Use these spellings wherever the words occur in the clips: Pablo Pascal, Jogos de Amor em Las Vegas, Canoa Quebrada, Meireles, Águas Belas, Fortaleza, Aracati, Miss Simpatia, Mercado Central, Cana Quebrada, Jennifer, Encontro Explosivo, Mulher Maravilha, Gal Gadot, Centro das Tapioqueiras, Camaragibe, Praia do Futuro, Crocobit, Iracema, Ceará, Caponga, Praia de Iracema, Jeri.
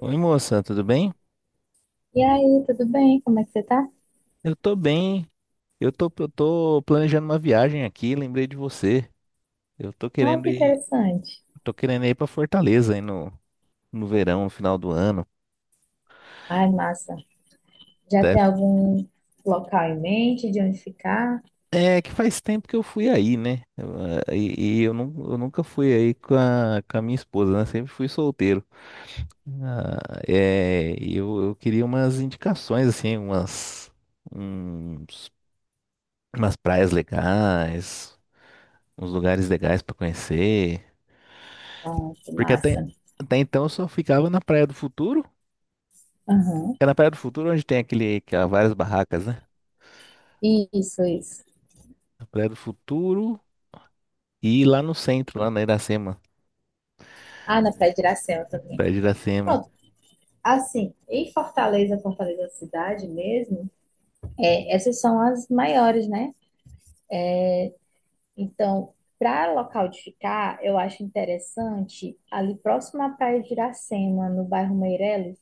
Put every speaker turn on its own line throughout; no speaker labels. Oi, moça, tudo bem?
E aí, tudo bem? Como é que você tá?
Eu tô bem. Eu tô planejando uma viagem aqui, lembrei de você. Eu
Ah, que interessante.
tô querendo ir pra Fortaleza aí no verão, no final do ano.
Ai, massa. Já
Até-
tem algum local em mente de onde ficar?
É que faz tempo que eu fui aí, né? E eu nunca fui aí com a minha esposa, né? Sempre fui solteiro. Ah, eu queria umas indicações, assim, uns, umas praias legais, uns lugares legais pra conhecer.
Pronto,
Porque até,
massa.
até então eu só ficava na Praia do Futuro.
Aham.
É na Praia do Futuro onde tem várias barracas, né?
Isso, isso.
Na Praia do Futuro e lá no centro, lá na Iracema.
Ah, na Praia de Iracema também.
Praia de Iracema.
Pronto. Assim, em Fortaleza, Fortaleza cidade mesmo, é, essas são as maiores, né? Então, para local de ficar, eu acho interessante ali próximo à Praia de Iracema, no bairro Meireles.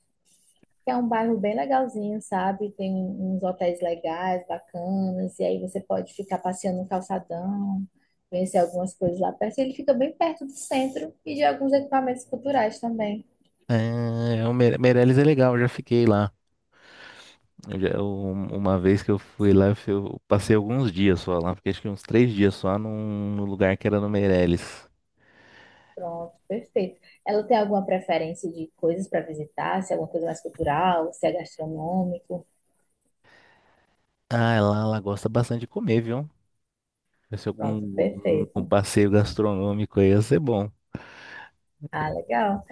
É um bairro bem legalzinho, sabe? Tem uns hotéis legais, bacanas, e aí você pode ficar passeando no calçadão, conhecer algumas coisas lá perto. Ele fica bem perto do centro e de alguns equipamentos culturais também.
É o Meireles é legal, eu já fiquei lá. Eu já- eu- uma vez que eu fui lá, eu passei alguns dias só lá. Fiquei acho que uns 3 dias só num lugar que era no Meireles.
Pronto, perfeito. Ela tem alguma preferência de coisas para visitar? Se é alguma coisa mais cultural, se é gastronômico?
Ah, lá ela gosta bastante de comer, viu? Se
Pronto,
algum, algum
perfeito.
passeio gastronômico aí ia ser bom.
Ah, legal.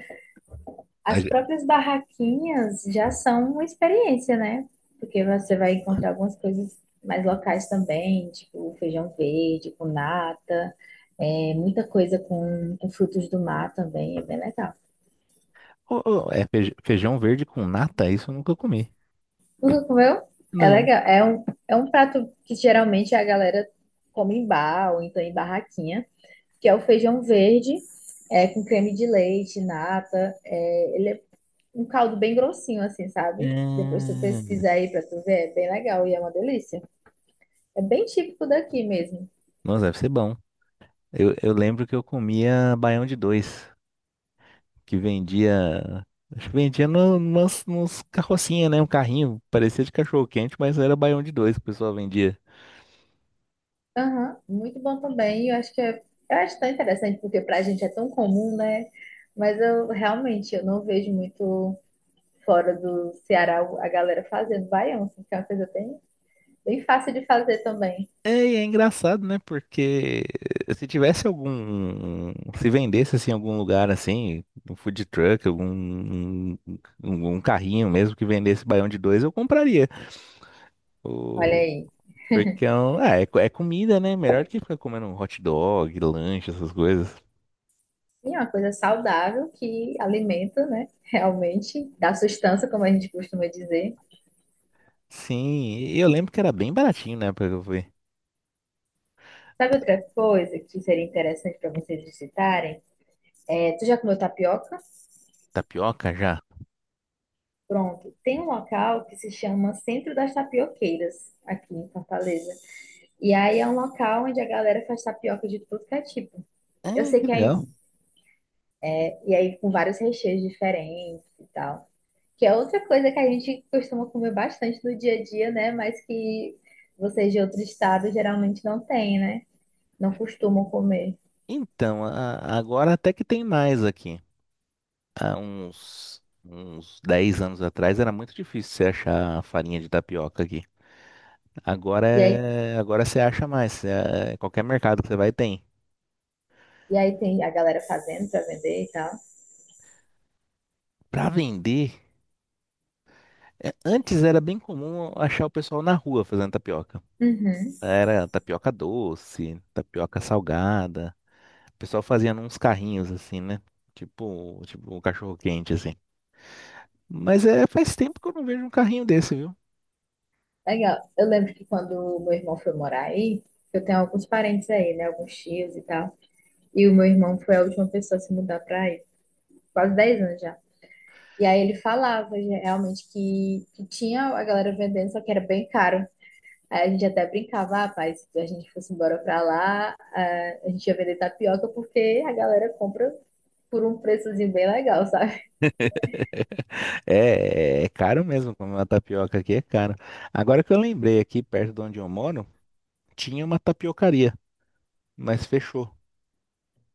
As próprias barraquinhas já são uma experiência, né? Porque você vai encontrar algumas coisas mais locais também, tipo feijão verde, com nata, muita coisa com frutos do mar também, é bem legal.
Ô, é feijão verde com nata? Isso eu nunca comi.
Nunca comeu? É
Não.
legal. É um prato que geralmente a galera come em bar ou então em barraquinha, que é o feijão verde, com creme de leite, nata. Ele é um caldo bem grossinho, assim, sabe? Depois
É...
tu pesquisar aí pra tu ver, é bem legal e é uma delícia. É bem típico daqui mesmo.
Nossa, deve ser bom. Eu lembro que eu comia baião de dois, que vendia. Acho que vendia no, nos, nos carrocinha, né? Um carrinho, parecia de cachorro-quente, mas era baião de dois que o pessoal vendia.
Aham, muito bom também. Eu acho tão interessante porque pra gente é tão comum, né? Mas eu realmente eu não vejo muito fora do Ceará a galera fazendo baião, assim, que é uma coisa bem, bem fácil de fazer também.
É, e é engraçado, né? Porque se tivesse algum. Se vendesse assim, em algum lugar assim, um food truck, algum um, um um carrinho mesmo que vendesse baião de dois, eu compraria.
Olha aí.
Porque é comida, né? Melhor que ficar comendo um hot dog, lanche, essas coisas.
E é uma coisa saudável que alimenta, né? Realmente dá sustância, como a gente costuma dizer.
Sim, e eu lembro que era bem baratinho, né? Porque eu fui.
Sabe outra coisa que seria interessante para vocês visitarem? Tu já comeu tapioca?
Tapioca já?
Pronto, tem um local que se chama Centro das Tapioqueiras, aqui em Fortaleza. E aí é um local onde a galera faz tapioca de tudo que é tipo.
É,
Eu sei
que
que aí,
legal.
e aí com vários recheios diferentes e tal. Que é outra coisa que a gente costuma comer bastante no dia a dia, né? Mas que vocês de outro estado geralmente não têm, né? Não costumam comer.
Então, agora até que tem mais aqui. Há uns 10 anos atrás era muito difícil você achar farinha de tapioca aqui. Agora
E aí,
é, agora você acha mais. É, qualquer mercado que você vai tem.
e aí, tem a galera fazendo para vender e tal.
Pra vender, antes era bem comum achar o pessoal na rua fazendo tapioca.
Uhum.
Era tapioca doce, tapioca salgada. O pessoal fazia uns carrinhos assim, né? Tipo, tipo um cachorro quente assim. Mas é, faz tempo que eu não vejo um carrinho desse, viu?
Legal. Eu lembro que quando o meu irmão foi morar aí, eu tenho alguns parentes aí, né? Alguns tios e tal. E o meu irmão foi a última pessoa a se mudar pra aí, quase 10 anos já. E aí ele falava já, realmente que tinha a galera vendendo, só que era bem caro. Aí a gente até brincava, ah, pai, se a gente fosse embora pra lá, ah, a gente ia vender tapioca porque a galera compra por um preçozinho bem legal, sabe?
É caro mesmo, comer uma tapioca aqui é caro. Agora que eu lembrei, aqui perto de onde eu moro, tinha uma tapiocaria, mas fechou.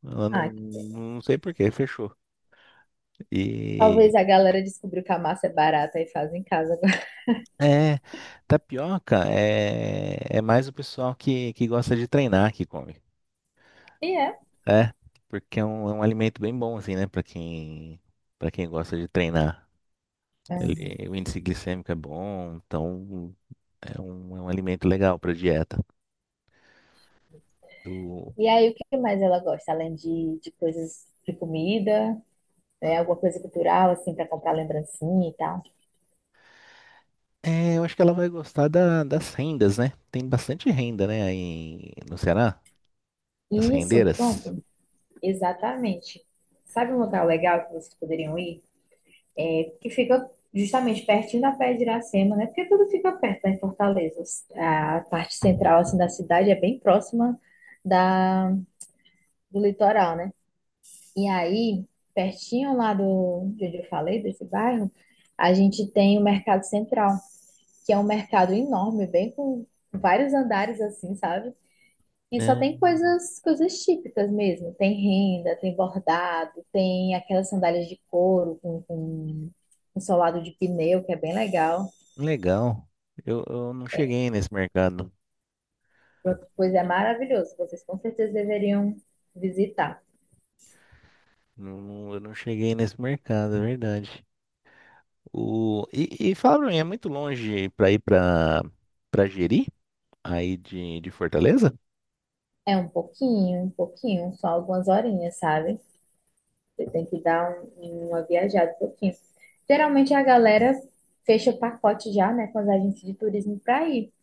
Ela não,
Ah, que pena.
não sei por que fechou. E
Talvez a galera descobriu que a massa é barata e faz em casa agora.
é, Tapioca é mais o pessoal que gosta de treinar que come.
E é.
É, porque é um alimento bem bom, assim, né? Pra quem, para quem gosta de treinar.
Aham.
O índice glicêmico é bom, então é um alimento legal pra dieta. O-
E aí, o que mais ela gosta, além de coisas de comida, né? Alguma coisa cultural, assim, para comprar lembrancinha e tal.
eu acho que ela vai gostar das rendas, né? Tem bastante renda, né, aí no Ceará? As
E isso,
rendeiras.
pronto, exatamente. Sabe um lugar legal que vocês poderiam ir? Que fica justamente pertinho da Praia de Iracema, né? Porque tudo fica perto, né, em Fortaleza. A parte central, assim, da cidade é bem próxima da, do litoral, né? E aí, pertinho lá do, de onde eu falei, desse bairro, a gente tem o Mercado Central, que é um mercado enorme, bem com vários andares assim, sabe? E só
É,
tem coisas típicas mesmo. Tem renda, tem bordado, tem aquelas sandálias de couro com um solado de pneu, que é bem legal.
legal. Eu não cheguei nesse mercado.
Pronto, pois é maravilhoso. Vocês com certeza deveriam visitar.
Não, não, eu não cheguei nesse mercado, é verdade. E fala pra mim, é muito longe pra ir pra Jeri, aí de Fortaleza?
É um pouquinho, só algumas horinhas, sabe? Você tem que dar uma viajada um pouquinho. Geralmente a galera fecha o pacote já, né, com as agências de turismo para ir.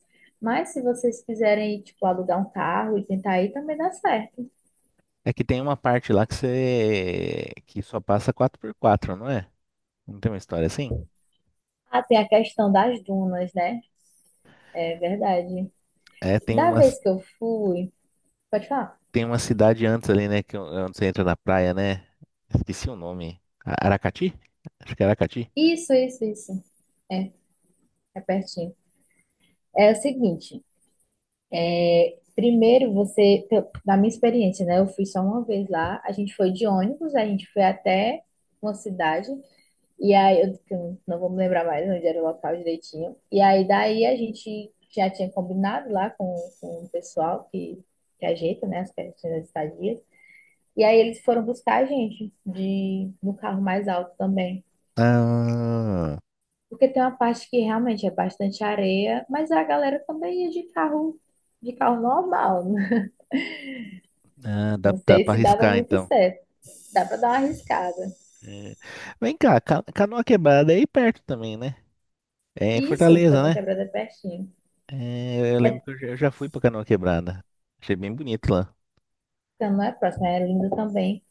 Mas se vocês quiserem, tipo, alugar um carro e tentar ir, também dá certo.
É que tem uma parte lá que você que só passa quatro por quatro, não é? Não tem uma história assim?
Ah, tem a questão das dunas, né? É verdade.
É, tem
Da
uma,
vez que eu fui, pode falar?
tem uma cidade antes ali, né? Que, é onde você entra na praia, né? Esqueci o nome. Aracati? Acho que é Aracati.
Isso, isso, isso. É, é pertinho. É o seguinte, primeiro você, da minha experiência, né? Eu fui só uma vez lá, a gente foi de ônibus, a gente foi até uma cidade. E aí, eu não vou me lembrar mais onde era o local direitinho. E aí, daí a gente já tinha combinado lá com o pessoal que ajeita, né, as questões das estadias. E aí eles foram buscar a gente de, no carro mais alto também.
Ah,
Porque tem uma parte que realmente é bastante areia, mas a galera também ia de carro normal. Né?
ah, dá,
Não
dá
sei
pra
se dava
arriscar
muito
então.
certo. Dá para dar uma arriscada.
É. Vem cá, Canoa Quebrada é aí perto também, né? É em
Isso,
Fortaleza,
Cana
né?
Quebrada é pertinho.
É, eu lembro que eu já fui pra Canoa Quebrada. Achei bem bonito lá.
Então, não é próximo, é lindo também.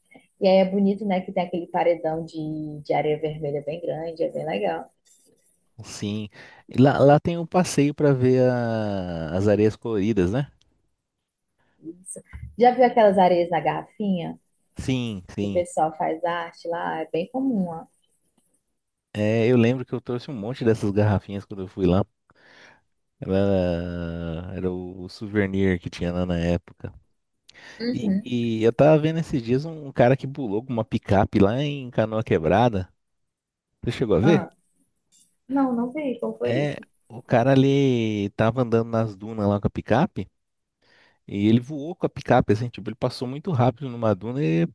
E aí é bonito, né, que tem aquele paredão de areia vermelha bem grande, é bem legal.
Sim. E lá tem um passeio para ver as areias coloridas, né?
Isso. Já viu aquelas areias na garrafinha?
Sim,
Que o
sim.
pessoal faz arte lá, é bem comum, ó.
É, eu lembro que eu trouxe um monte dessas garrafinhas quando eu fui lá. Era, era o souvenir que tinha lá na época. E,
Uhum.
e eu tava vendo esses dias um cara que pulou com uma picape lá em Canoa Quebrada. Você chegou a ver?
Ah, não, não vi. Como foi
É,
isso?
o cara ali tava andando nas dunas lá com a picape e ele voou com a picape, assim, tipo, ele passou muito rápido numa duna e a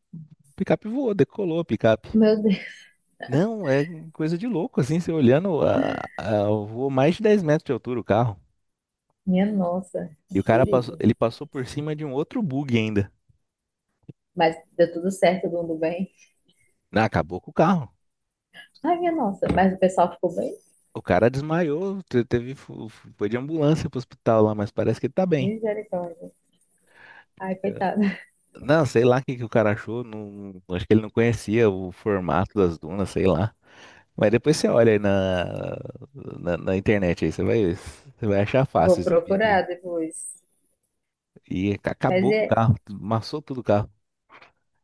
picape voou, decolou a picape.
Meu Deus,
Não, é coisa de louco, assim, você olhando, a, eu vou mais de 10 metros de altura o carro.
minha nossa, que
E o cara passou,
perigo.
ele passou por cima de um outro bug ainda.
Mas deu tudo certo, todo mundo bem.
Não, acabou com o carro.
Ai, minha nossa, mas o pessoal ficou bem?
O cara desmaiou, teve, foi de ambulância pro hospital lá, mas parece que ele tá bem.
Misericórdia. Ai,
Eh,
coitado.
Não, sei lá o que que o cara achou, não, acho que ele não conhecia o formato das dunas, sei lá. Mas depois você olha aí na internet aí, você vai achar
Vou
fácil esse vídeo
procurar
aí.
depois.
E
Mas
acabou com o
é,
carro, amassou tudo o carro.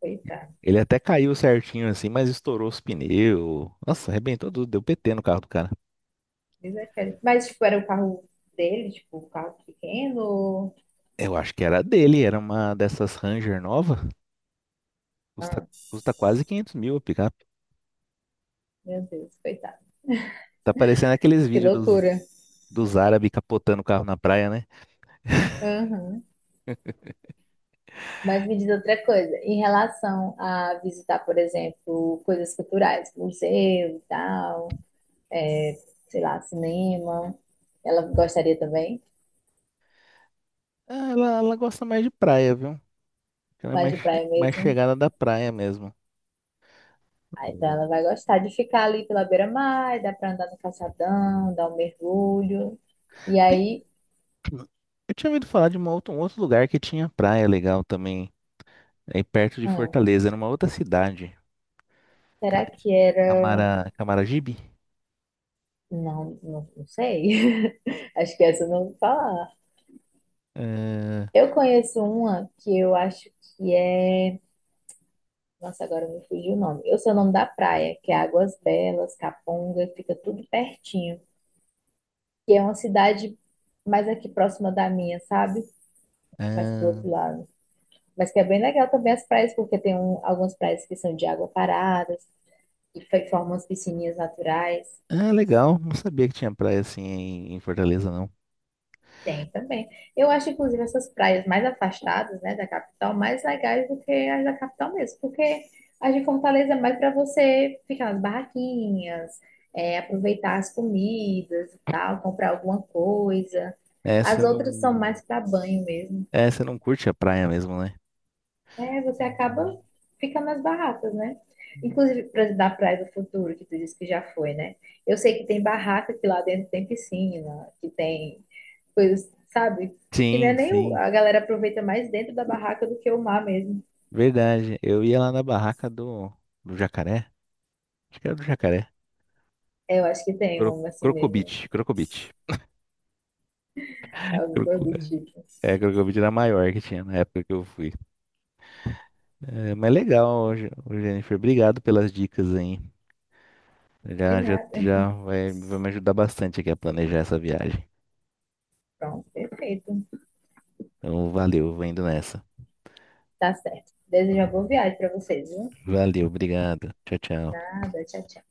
coitado.
Ele até caiu certinho assim, mas estourou os pneus. Nossa, arrebentou tudo, deu PT no carro do cara.
Desespero. Mas, tipo, era o carro dele, tipo, o carro pequeno.
Eu acho que era dele, era uma dessas Ranger nova. Custa,
Ah,
custa quase 500 mil a picape.
meu Deus, coitado.
Tá parecendo aqueles
Que
vídeos dos,
loucura.
dos árabes capotando o carro na praia, né?
Aham. Mas me diz outra coisa, em relação a visitar, por exemplo, coisas culturais, museu e tal, é, sei lá, cinema, ela gostaria também,
Ah, ela gosta mais de praia, viu? Ela é
mais
mais,
de
che-
praia
mais
mesmo.
chegada da praia mesmo.
Ah, então
O-
ela vai gostar de ficar ali pela beira-mar, dá pra andar no calçadão, dar um mergulho. E
Tem,
aí,
eu tinha ouvido falar de um outro lugar que tinha praia legal também, aí perto de
hum,
Fortaleza, numa outra cidade. Ca-
será que era.
Camaragibe?
Não, não, não sei. Acho que essa eu não vou falar.
É,
Eu conheço uma que eu acho que é. Nossa, agora me fugiu o nome. Eu sei o nome da praia, que é Águas Belas, Caponga, fica tudo pertinho. Que é uma cidade mais aqui próxima da minha, sabe? Mais pro
Ah,
outro lado. Mas que é bem legal também as praias, porque tem algumas praias que são de água parada, que formam as piscininhas naturais.
ah, legal. Não sabia que tinha praia assim em Fortaleza, não.
Tem também. Eu acho, inclusive, essas praias mais afastadas, né, da capital, mais legais do que as da capital mesmo, porque as de Fortaleza é mais para você ficar nas barraquinhas, aproveitar as comidas e tal, comprar alguma coisa.
É, você
As outras são
não.
mais para banho mesmo.
É, você não curte a praia mesmo, né?
É, você
Uhum.
acaba ficando nas barracas, né? Inclusive, da Praia do Futuro, que tu disse que já foi, né? Eu sei que tem barraca que lá dentro tem piscina, que tem coisas, sabe? Que não é
Sim,
nem
sim.
a galera aproveita mais dentro da barraca do que o mar mesmo.
Verdade. Eu ia lá na barraca do jacaré. Acho que era do jacaré.
É, eu acho que tem um assim mesmo,
Crocobit, Crocobit.
algo
Croco-
do tipo.
Crocobit era a maior que tinha na época que eu fui. É, mas legal, Jennifer. Obrigado pelas dicas aí.
De
Já, já,
nada.
já vai, vai me ajudar bastante aqui a planejar essa viagem.
Pronto, perfeito.
Então, valeu, vou indo nessa.
Tá certo. Desejo uma boa viagem pra vocês, viu?
Valeu, obrigado. Tchau, tchau.
Nada, tchau, tchau.